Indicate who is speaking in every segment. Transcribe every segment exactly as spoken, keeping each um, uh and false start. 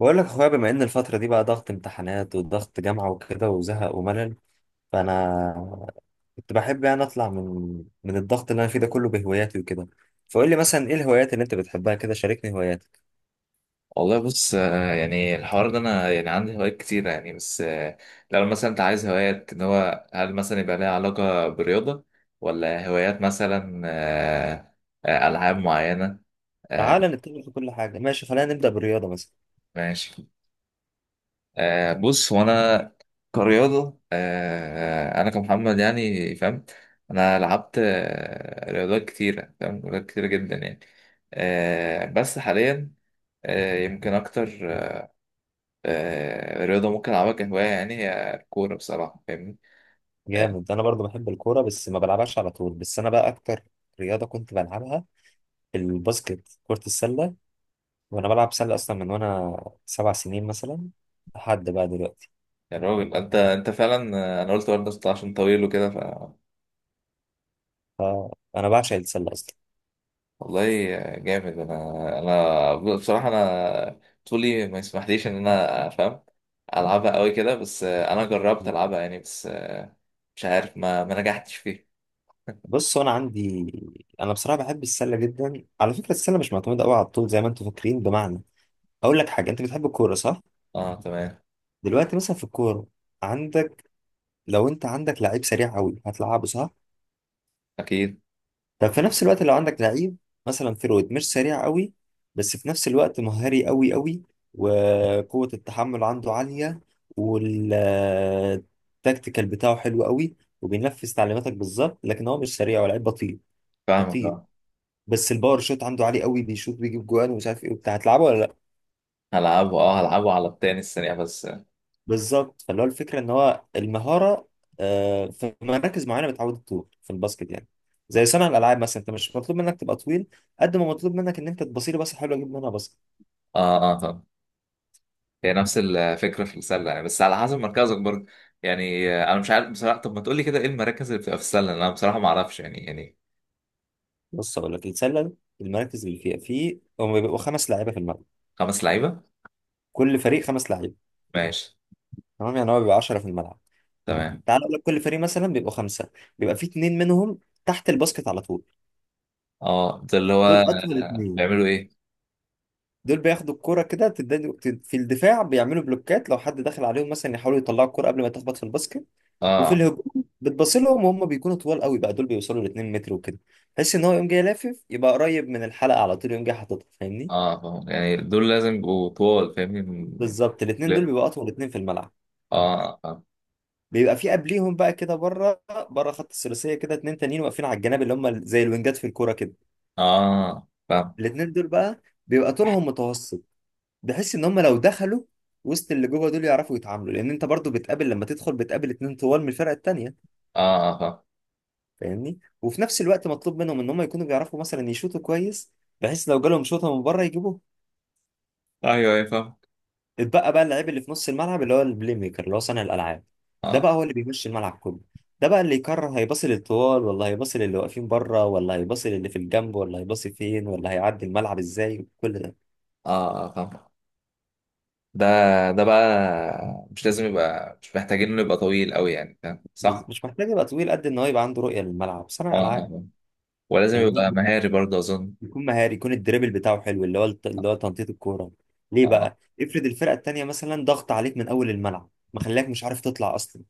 Speaker 1: بقول لك يا اخويا، بما ان الفترة دي بقى ضغط امتحانات وضغط جامعة وكده وزهق وملل، فانا كنت بحب يعني اطلع من من الضغط اللي انا فيه ده كله بهواياتي وكده. فقول لي مثلا ايه الهوايات اللي انت بتحبها كده، شاركني هواياتك.
Speaker 2: والله بص، آه، يعني الحوار ده انا يعني عندي هوايات كتيرة يعني بس. آه، لو مثلا انت عايز هوايات ان هو هل مثلا يبقى لها علاقة برياضة، ولا هوايات مثلا آه، آه، العاب معينة. آه،
Speaker 1: تعالى نتكلم في كل حاجة، ماشي، خلينا نبدأ بالرياضة مثلا.
Speaker 2: ماشي. آه، بص هو انا كرياضة، آه، انا كمحمد يعني فاهم. انا لعبت آه، رياضات كتيرة، فاهم، رياضات كتيرة جدا يعني. آه، بس حاليا آه، يمكن اكتر، آه، الرياضة ممكن ألعبها كهواية، يعني هي الكورة بصراحة، فاهمني. آه،
Speaker 1: جامد، انا برضو بحب الكورة بس ما بلعبهاش على طول، بس انا بقى اكتر رياضة كنت بلعبها الباسكت، كرة السلة. وانا بلعب سلة اصلا من وانا سبع سنين مثلا لحد بقى دلوقتي.
Speaker 2: يا راجل، أنت أنت فعلا آه، أنا قلت برضه، أصل عشان طويل وكده ف
Speaker 1: فانا بعشق السلة اصلا.
Speaker 2: والله. آه، جامد. أنا أنا بصراحة، أنا طولي ما يسمحليش إن أنا أفهم ألعبها أوي كده بس. آه، أنا جربت ألعبها يعني بس آه، مش عارف ما ما نجحتش فيه.
Speaker 1: بص انا عندي، انا بصراحه بحب السله جدا. على فكره السله مش معتمده قوي على الطول زي ما انتوا فاكرين. بمعنى اقول لك حاجه، انت بتحب الكوره صح؟
Speaker 2: أه تمام.
Speaker 1: دلوقتي مثلا في الكوره عندك، لو انت عندك لعيب سريع قوي هتلعبه صح؟
Speaker 2: أكيد.
Speaker 1: طب في نفس الوقت لو عندك لعيب مثلا فيرويد مش سريع قوي، بس في نفس الوقت مهاري قوي قوي، وقوه التحمل عنده عاليه، والتكتيكال بتاعه حلو قوي، وبينفذ تعليماتك بالظبط، لكن هو مش سريع ولاعيب بطيء،
Speaker 2: فاهمك،
Speaker 1: بطيء،
Speaker 2: أه.
Speaker 1: بس الباور شوت عنده عالي قوي، بيشوط بيجيب جوان ومش عارف ايه وبتاع، هتلعبه ولا لا؟
Speaker 2: هلعبه أه هلعبه على التاني السريع، بس أه
Speaker 1: بالظبط. فاللي هو الفكره ان هو المهاره. آه، في مراكز معينه بتعود الطول في الباسكت يعني. زي صانع الالعاب مثلا، انت مش مطلوب منك تبقى طويل قد ما مطلوب منك ان انت تبصيلي. بس حلوه اجيب منها باسكت.
Speaker 2: أه. آه. هي نفس الفكره في السله، يعني بس على حسب مركزك برضه. يعني آه، انا مش عارف بصراحه. طب ما تقول لي كده، ايه المراكز اللي بتبقى في السله؟ انا بصراحه ما اعرفش، يعني يعني.
Speaker 1: بص اقول لك السله، المراكز اللي فيها في، هم بيبقوا خمس لعيبه في الملعب.
Speaker 2: خمس لعيبه.
Speaker 1: كل فريق خمس لعيبه،
Speaker 2: ماشي.
Speaker 1: تمام؟ يعني هو بيبقى عشرة في الملعب.
Speaker 2: تمام.
Speaker 1: تعال اقول لك، كل فريق مثلا بيبقوا خمسه، بيبقى في اتنين منهم تحت الباسكت على طول.
Speaker 2: اه، ده اللي هو.
Speaker 1: دول اطول
Speaker 2: آه،
Speaker 1: اتنين.
Speaker 2: بيعملوا ايه؟
Speaker 1: دول بياخدوا الكرة كده تدادوا- تد- في الدفاع بيعملوا بلوكات، لو حد دخل عليهم مثلا يحاولوا يطلعوا الكرة قبل ما تخبط في الباسكت. وفي
Speaker 2: اه
Speaker 1: الهجوم بتبص لهم وهم بيكونوا طوال قوي بقى، دول بيوصلوا ل مترين متر وكده، تحس ان هو يوم جاي لافف يبقى قريب من الحلقة على طول، يوم جاي حاططها، فاهمني.
Speaker 2: اه فاهم. يعني دول لازم يبقوا طوال، فاهمني.
Speaker 1: بالظبط الاثنين دول
Speaker 2: لا.
Speaker 1: بيبقوا اطول اثنين في الملعب.
Speaker 2: اه فاهم.
Speaker 1: بيبقى في قبليهم بقى كده بره، بره خط الثلاثيه كده، اتنين تانيين واقفين على الجناب اللي هم زي الوينجات في الكوره كده.
Speaker 2: اه فاهم.
Speaker 1: الاثنين دول بقى بيبقى طولهم متوسط. بحس ان هم لو دخلوا وسط اللي جوه دول يعرفوا يتعاملوا، لان انت برضو بتقابل لما تدخل بتقابل اتنين طوال من الفرقه التانيه،
Speaker 2: اه فاهم.
Speaker 1: فاهمني. وفي نفس الوقت مطلوب منهم ان هم يكونوا بيعرفوا مثلا يشوطوا كويس، بحيث لو جالهم شوطه من بره يجيبوه.
Speaker 2: ايوه ايوه فاهم.
Speaker 1: اتبقى بقى اللاعب اللي في نص الملعب اللي هو البلاي ميكر، اللي هو صانع الالعاب. ده بقى
Speaker 2: اه
Speaker 1: هو اللي بيمشي الملعب كله. ده بقى اللي يقرر هيباصي للطوال ولا هيباصي للي واقفين بره ولا هيباصي للي في الجنب ولا هيباصي فين ولا هيعدي الملعب ازاي، كل ده.
Speaker 2: اه آه، فاهم. ده ده بقى مش لازم. يبقى مش محتاجين انه يبقى طويل قوي يعني، فاهم
Speaker 1: بس
Speaker 2: صح؟
Speaker 1: مش محتاج يبقى طويل قد ان هو يبقى عنده رؤيه للملعب، صانع
Speaker 2: اه
Speaker 1: العاب
Speaker 2: اه. ولازم يبقى
Speaker 1: فاهمني.
Speaker 2: مهاري برضه أظن.
Speaker 1: يكون مهاري، يكون الدريبل بتاعه حلو، اللي هو الت- اللي هو تنطيط الكوره. ليه
Speaker 2: آه
Speaker 1: بقى؟ افرض الفرقه التانيه مثلا ضغط عليك من اول الملعب، مخليك مش عارف تطلع اصلا.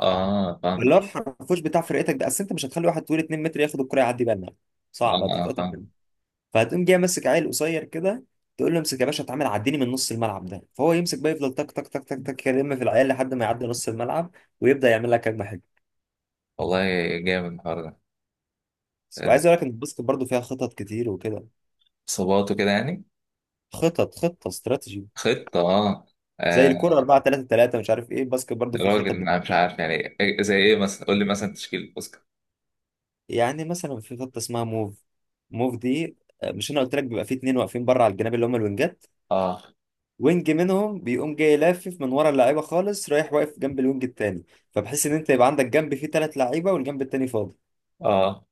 Speaker 2: آه فاهم.
Speaker 1: اللي هو الحرفوش بتاع فرقتك ده، اصل انت مش هتخلي واحد طويل مترين متر ياخد الكره يعدي بيها الملعب،
Speaker 2: آه
Speaker 1: صعب،
Speaker 2: آه
Speaker 1: هتتقطع منه.
Speaker 2: فاهم.
Speaker 1: فهتقوم جاي ماسك عيل قصير كده، تقول له امسك يا باشا، اتعامل عديني من نص الملعب ده. فهو يمسك بقى، يفضل تك تك تك تك تك، يلم في العيال لحد ما يعدي نص الملعب، ويبدأ يعمل لك هجمه حلوه.
Speaker 2: والله، جامد الحوار ده. آه،
Speaker 1: وعايز اقول لك ان الباسكت برضه فيها خطط كتير وكده،
Speaker 2: إصابات وكده يعني.
Speaker 1: خطط، خطه استراتيجي،
Speaker 2: خطة. آه
Speaker 1: زي
Speaker 2: آه،
Speaker 1: الكرة أربعة ثلاثة تلاتة مش عارف ايه، الباسكت برضو في
Speaker 2: راجل،
Speaker 1: خطة بت...
Speaker 2: أنا مش عارف يعني، إيه- زي إيه مثلا؟ قول لي مثلا تشكيل الأوسكار.
Speaker 1: يعني مثلا في خطة اسمها موف. موف دي، آه، مش انا قلت لك بيبقى في اتنين واقفين بره على الجناب اللي هم الوينجات؟
Speaker 2: آه.
Speaker 1: وينج منهم بيقوم جاي لافف من ورا اللعيبة خالص، رايح واقف جنب الوينج التاني، فبحيث ان انت يبقى عندك جنب فيه ثلاث لعيبة والجنب التاني فاضي.
Speaker 2: آه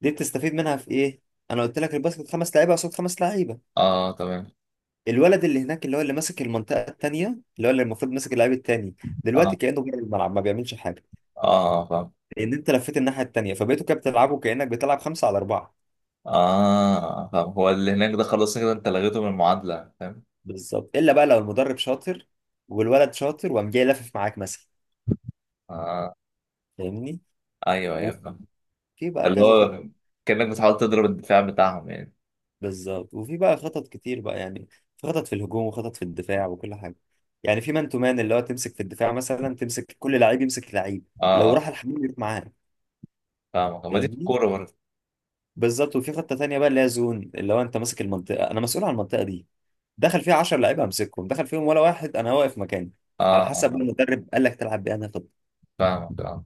Speaker 1: دي بتستفيد منها في ايه؟ انا قلت لك الباسكت خمس لعيبة قصاد خمس لعيبة.
Speaker 2: آه تمام.
Speaker 1: الولد اللي هناك اللي هو اللي ماسك المنطقة التانية، اللي هو اللي المفروض ماسك اللعيب التاني، دلوقتي
Speaker 2: آه
Speaker 1: كأنه جاي الملعب ما بيعملش حاجة.
Speaker 2: آه فاهم.
Speaker 1: ان انت لفيت الناحيه التانيه فبقيتوا كده بتلعبوا كانك بتلعب خمسه على اربعه.
Speaker 2: آه فاهم. هو اللي هناك ده خلاص كده، أنت لغيته من المعادلة، فاهم.
Speaker 1: بالظبط، الا بقى لو المدرب شاطر والولد شاطر وقام جاي لافف معاك مثلا،
Speaker 2: آه.
Speaker 1: فاهمني.
Speaker 2: أيوه أيوه فاهم.
Speaker 1: وفي بقى
Speaker 2: اللي
Speaker 1: كذا خطط.
Speaker 2: هو كأنك بتحاول تضرب الدفاع بتاعهم يعني.
Speaker 1: بالظبط، وفي بقى خطط كتير بقى يعني. في خطط في الهجوم وخطط في الدفاع وكل حاجه. يعني في مان تو مان اللي هو تمسك في الدفاع، مثلا تمسك كل لعيب يمسك لعيب،
Speaker 2: آه
Speaker 1: لو
Speaker 2: آه.
Speaker 1: راح الحمام يروح معاه،
Speaker 2: فاهمك، ما دي في
Speaker 1: فاهمني.
Speaker 2: الكورة برضه.
Speaker 1: بالظبط. وفي خطه تانيه بقى اللي هي زون، اللي هو انت ماسك المنطقه، انا مسؤول عن المنطقه دي، دخل فيها عشرة لعيبه همسكهم، دخل فيهم ولا واحد انا واقف مكاني. على
Speaker 2: اه
Speaker 1: حسب
Speaker 2: اه.
Speaker 1: المدرب قال لك تلعب بايه انا هاخد.
Speaker 2: فاهمك اه.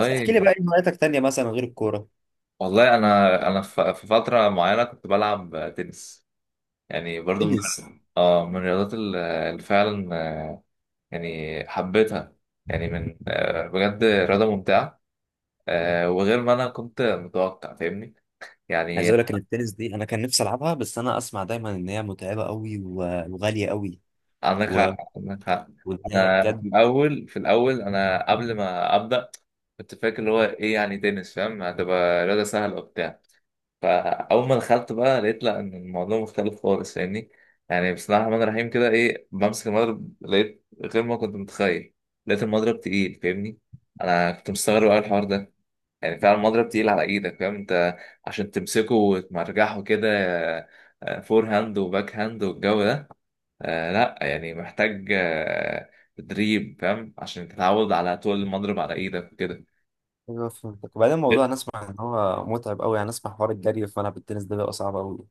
Speaker 1: بس احكي لي بقى ايه هواياتك تانيه مثلا غير الكوره؟
Speaker 2: والله، انا انا ف- في فتره معينه كنت بلعب تنس، يعني برضو من.
Speaker 1: تنس؟
Speaker 2: اه. من الرياضات ال- اللي فعلا آه، يعني حبيتها، يعني من آه، بجد رياضه ممتعه. آه، وغير ما انا كنت متوقع، فاهمني
Speaker 1: عايز
Speaker 2: يعني.
Speaker 1: اقول لك ان التنس دي انا كان نفسي العبها، بس انا اسمع دايما ان هي متعبه قوي، و- وغاليه قوي،
Speaker 2: عندك
Speaker 1: و-
Speaker 2: حق، عندك حق.
Speaker 1: وان هي
Speaker 2: انا في
Speaker 1: بجد.
Speaker 2: الاول، في الاول، انا قبل ما ابدا كنت فاكر اللي هو ايه، يعني تنس فاهم هتبقى رياضه سهله وبتاع. فاول ما دخلت بقى لقيت لا، ان الموضوع مختلف خالص، فاهمني يعني. بسم الله الرحمن الرحيم كده، ايه، بمسك المضرب لقيت غير ما كنت متخيل. لقيت المضرب تقيل، فاهمني. انا كنت مستغرب قوي الحوار ده، يعني فعلا المضرب تقيل على ايدك فاهم انت، عشان تمسكه وتمرجحه كده. آه، فور هاند وباك هاند والجو ده. آه لا، يعني محتاج آه، تدريب فاهم، عشان تتعود على طول المضرب على ايدك وكده.
Speaker 1: ايوه فهمتك. وبعدين الموضوع انا اسمع ان هو متعب قوي يعني، اسمع حوار الجري، فانا بالتنس ده بيبقى صعب قوي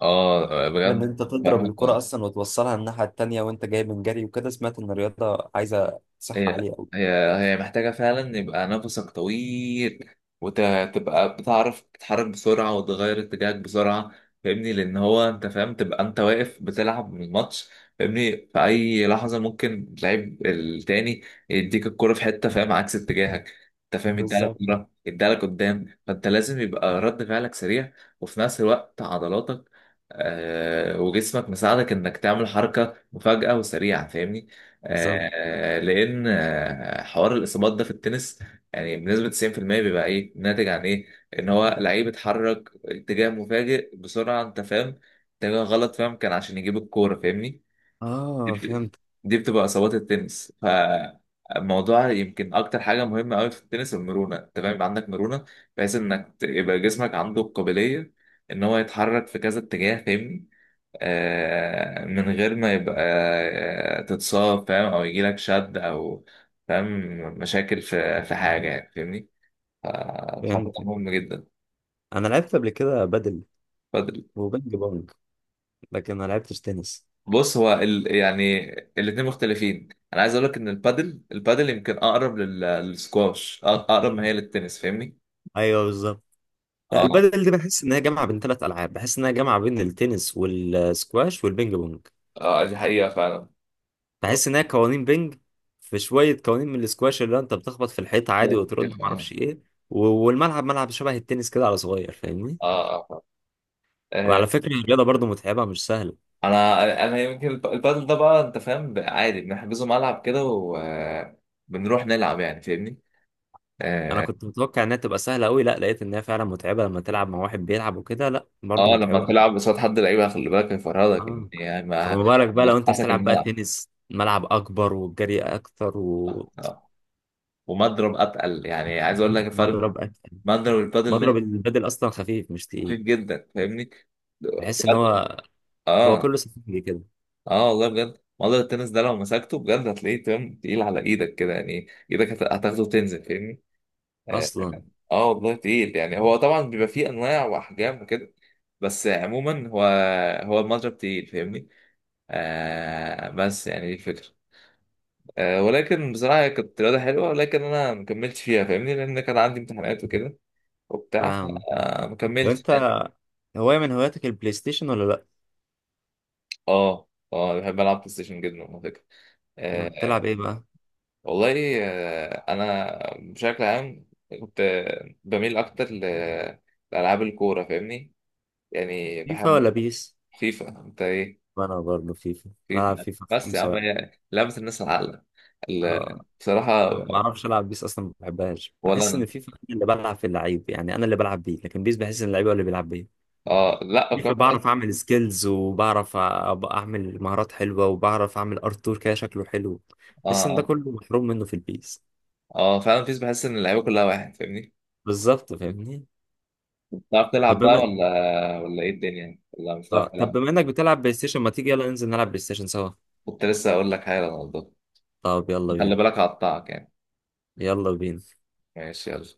Speaker 2: اه، آه،
Speaker 1: ان
Speaker 2: بجد.
Speaker 1: انت تضرب الكرة
Speaker 2: فرهدة.
Speaker 1: اصلا وتوصلها الناحية التانية وانت جاي من جري وكده. سمعت ان الرياضة عايزة صحة
Speaker 2: هي
Speaker 1: عالية قوي.
Speaker 2: هي هي محتاجة فعلا يبقى نفسك طويل، وتبقى بتعرف تتحرك بسرعة وتغير اتجاهك بسرعة، فاهمني. لأن هو أنت فاهم تبقى أنت واقف بتلعب من الماتش، فاهمني، في أي لحظة ممكن اللعيب التاني يديك الكرة في حتة، فاهم، عكس اتجاهك، أنت فاهم، يديها لك
Speaker 1: بالظبط.
Speaker 2: كورة يديها لك قدام، فأنت لازم يبقى رد فعلك سريع. وفي نفس الوقت عضلاتك آه، وجسمك مساعدك إنك تعمل حركة مفاجئة وسريعة، فاهمني.
Speaker 1: بالظبط.
Speaker 2: آه، لان آه، حوار الاصابات ده في التنس، يعني بنسبه تسعين في المية بيبقى ايه؟ ناتج عن ايه؟ ان هو لعيب اتحرك اتجاه مفاجئ بسرعه، انت فاهم، اتجاه غلط فاهم، كان عشان يجيب الكوره، فاهمني. دي
Speaker 1: اه
Speaker 2: بت-
Speaker 1: فهمت.
Speaker 2: دي بتبقى اصابات التنس. فالموضوع يمكن اكتر حاجه مهمه قوي في التنس المرونه، انت فاهم، يبقى عندك مرونه بحيث انك ت- يبقى جسمك عنده القابليه ان هو يتحرك في كذا اتجاه، فاهمني. آه، من غير ما يبقى آه، تتصاب، فاهم، او يجي لك شد، او فاهم، مشاكل في في حاجه يعني، فاهمني. فالحوار ده
Speaker 1: فهمت.
Speaker 2: مهم جدا.
Speaker 1: انا لعبت قبل كده بدل
Speaker 2: بادل.
Speaker 1: وبينج بونج، لكن ما لعبتش تنس.
Speaker 2: بص، هو ال... يعني الاثنين مختلفين. انا عايز اقول لك ان البادل البادل يمكن اقرب لل... للسكواش، أق- اقرب ما هي للتنس، فاهمني.
Speaker 1: ايوه بالظبط. لا
Speaker 2: اه
Speaker 1: البدل دي بحس ان هي جامعه بين ثلاث العاب، بحس ان هي جامعه بين التنس والسكواش والبينج بونج.
Speaker 2: اه، دي حقيقه فعلا. اه.
Speaker 1: بحس ان هي قوانين بينج، في شويه قوانين من السكواش اللي انت بتخبط في الحيطه عادي وترد ما اعرفش ايه، و- والملعب ملعب شبه التنس كده على صغير، فاهمني.
Speaker 2: اه آه. آه،
Speaker 1: وعلى فكرة الرياضة برضو متعبة، مش سهلة.
Speaker 2: انا انا يمكن الب- البادل ده بقى انت فاهم، ب- عادي بنحجزه ملعب كده وبنروح نلعب يعني، فاهمني.
Speaker 1: أنا
Speaker 2: اه،
Speaker 1: كنت متوقع إنها تبقى سهلة أوي، لا لقيت إنها فعلا متعبة، لما تلعب مع واحد بيلعب وكده لا برضو
Speaker 2: آه، لما
Speaker 1: متعبة.
Speaker 2: تلعب قصاد حد لعيبه خلي بالك هيفرهدك يعني
Speaker 1: آه،
Speaker 2: يعني ما
Speaker 1: فمبارك بقى
Speaker 2: على
Speaker 1: لو أنت
Speaker 2: حسك
Speaker 1: بتلعب بقى
Speaker 2: الملعب.
Speaker 1: تنس، ملعب أكبر والجري أكتر
Speaker 2: آه. ومضرب اتقل، يعني عايز اقول لك الفرق بين
Speaker 1: ومضرب أتقل.
Speaker 2: مضرب البادل
Speaker 1: مضرب
Speaker 2: ده،
Speaker 1: البدل أصلا خفيف مش
Speaker 2: خفيف
Speaker 1: تقيل،
Speaker 2: جدا فاهمني.
Speaker 1: بحس إن
Speaker 2: بجد.
Speaker 1: هو، هو
Speaker 2: اه
Speaker 1: كله سفنج كده
Speaker 2: اه. والله بجد، مضرب التنس ده لو مسكته بجد هتلاقيه تمام، تقيل على ايدك كده، يعني ايدك هت- هتاخده وتنزل، فاهمني. آه،
Speaker 1: أصلا،
Speaker 2: اه والله تقيل. يعني هو طبعا بيبقى فيه انواع واحجام وكده، بس عموما هو هو المضرب تقيل، فاهمني. آه بس يعني دي الفكره. آه ولكن بصراحه هي كانت رياضه حلوه، ولكن انا ما كملتش فيها، فاهمني، لان كان عندي امتحانات وكده وبتاع،
Speaker 1: فاهم.
Speaker 2: فما كملتش
Speaker 1: وأنت
Speaker 2: يعني.
Speaker 1: هواية من هواياتك البلاي ستيشن ولا لأ؟
Speaker 2: اه اه، بحب العب بلاي ستيشن جدا على فكره.
Speaker 1: يعني
Speaker 2: آه
Speaker 1: بتلعب إيه بقى؟
Speaker 2: والله، آه انا بشكل عام كنت بميل اكتر ل- لالعاب الكوره، فاهمني، يعني
Speaker 1: فيفا
Speaker 2: بحب.
Speaker 1: ولا بيس؟
Speaker 2: فيفا، انت ايه.
Speaker 1: أنا برضو فيفا، بلعب
Speaker 2: في-
Speaker 1: فيفا
Speaker 2: بس يا عم،
Speaker 1: خمسة.
Speaker 2: هي لعبة الناس العاقلة. ال- بصراحة،
Speaker 1: أنا ما بعرفش العب بيس اصلا، ما بحبهاش،
Speaker 2: ولا
Speaker 1: بحس ان
Speaker 2: أنا.
Speaker 1: فيفا أنا اللي بلعب في اللعيب، يعني انا اللي بلعب بيه، لكن بيس بحس ان اللعيب هو اللي بيلعب بيه.
Speaker 2: اه لا،
Speaker 1: فيفا
Speaker 2: وكمان بحس.
Speaker 1: بعرف اعمل سكيلز وبعرف أ- أبقى اعمل مهارات حلوه، وبعرف اعمل ارتور كده شكله حلو.
Speaker 2: اه
Speaker 1: بحس ان ده
Speaker 2: اه.
Speaker 1: كله محروم منه في البيس.
Speaker 2: اه فعلا، بيس بحس إن اللعيبة كلها واحد، فاهمني.
Speaker 1: بالظبط، فاهمني.
Speaker 2: بتعرف
Speaker 1: طب
Speaker 2: تلعب بقى،
Speaker 1: بما،
Speaker 2: ولا ولا إيه الدنيا، ولا مش بتعرف
Speaker 1: اه طب
Speaker 2: تلعب؟
Speaker 1: بما انك بتلعب بلاي ستيشن ما تيجي يلا ننزل نلعب بلاي ستيشن سوا؟
Speaker 2: كنت لسه أقول لك حاجة يا رونالدو،
Speaker 1: طب يلا
Speaker 2: خلي
Speaker 1: بينا.
Speaker 2: بالك هقطعك يعني.
Speaker 1: يلا بينا.
Speaker 2: ماشي، يلا.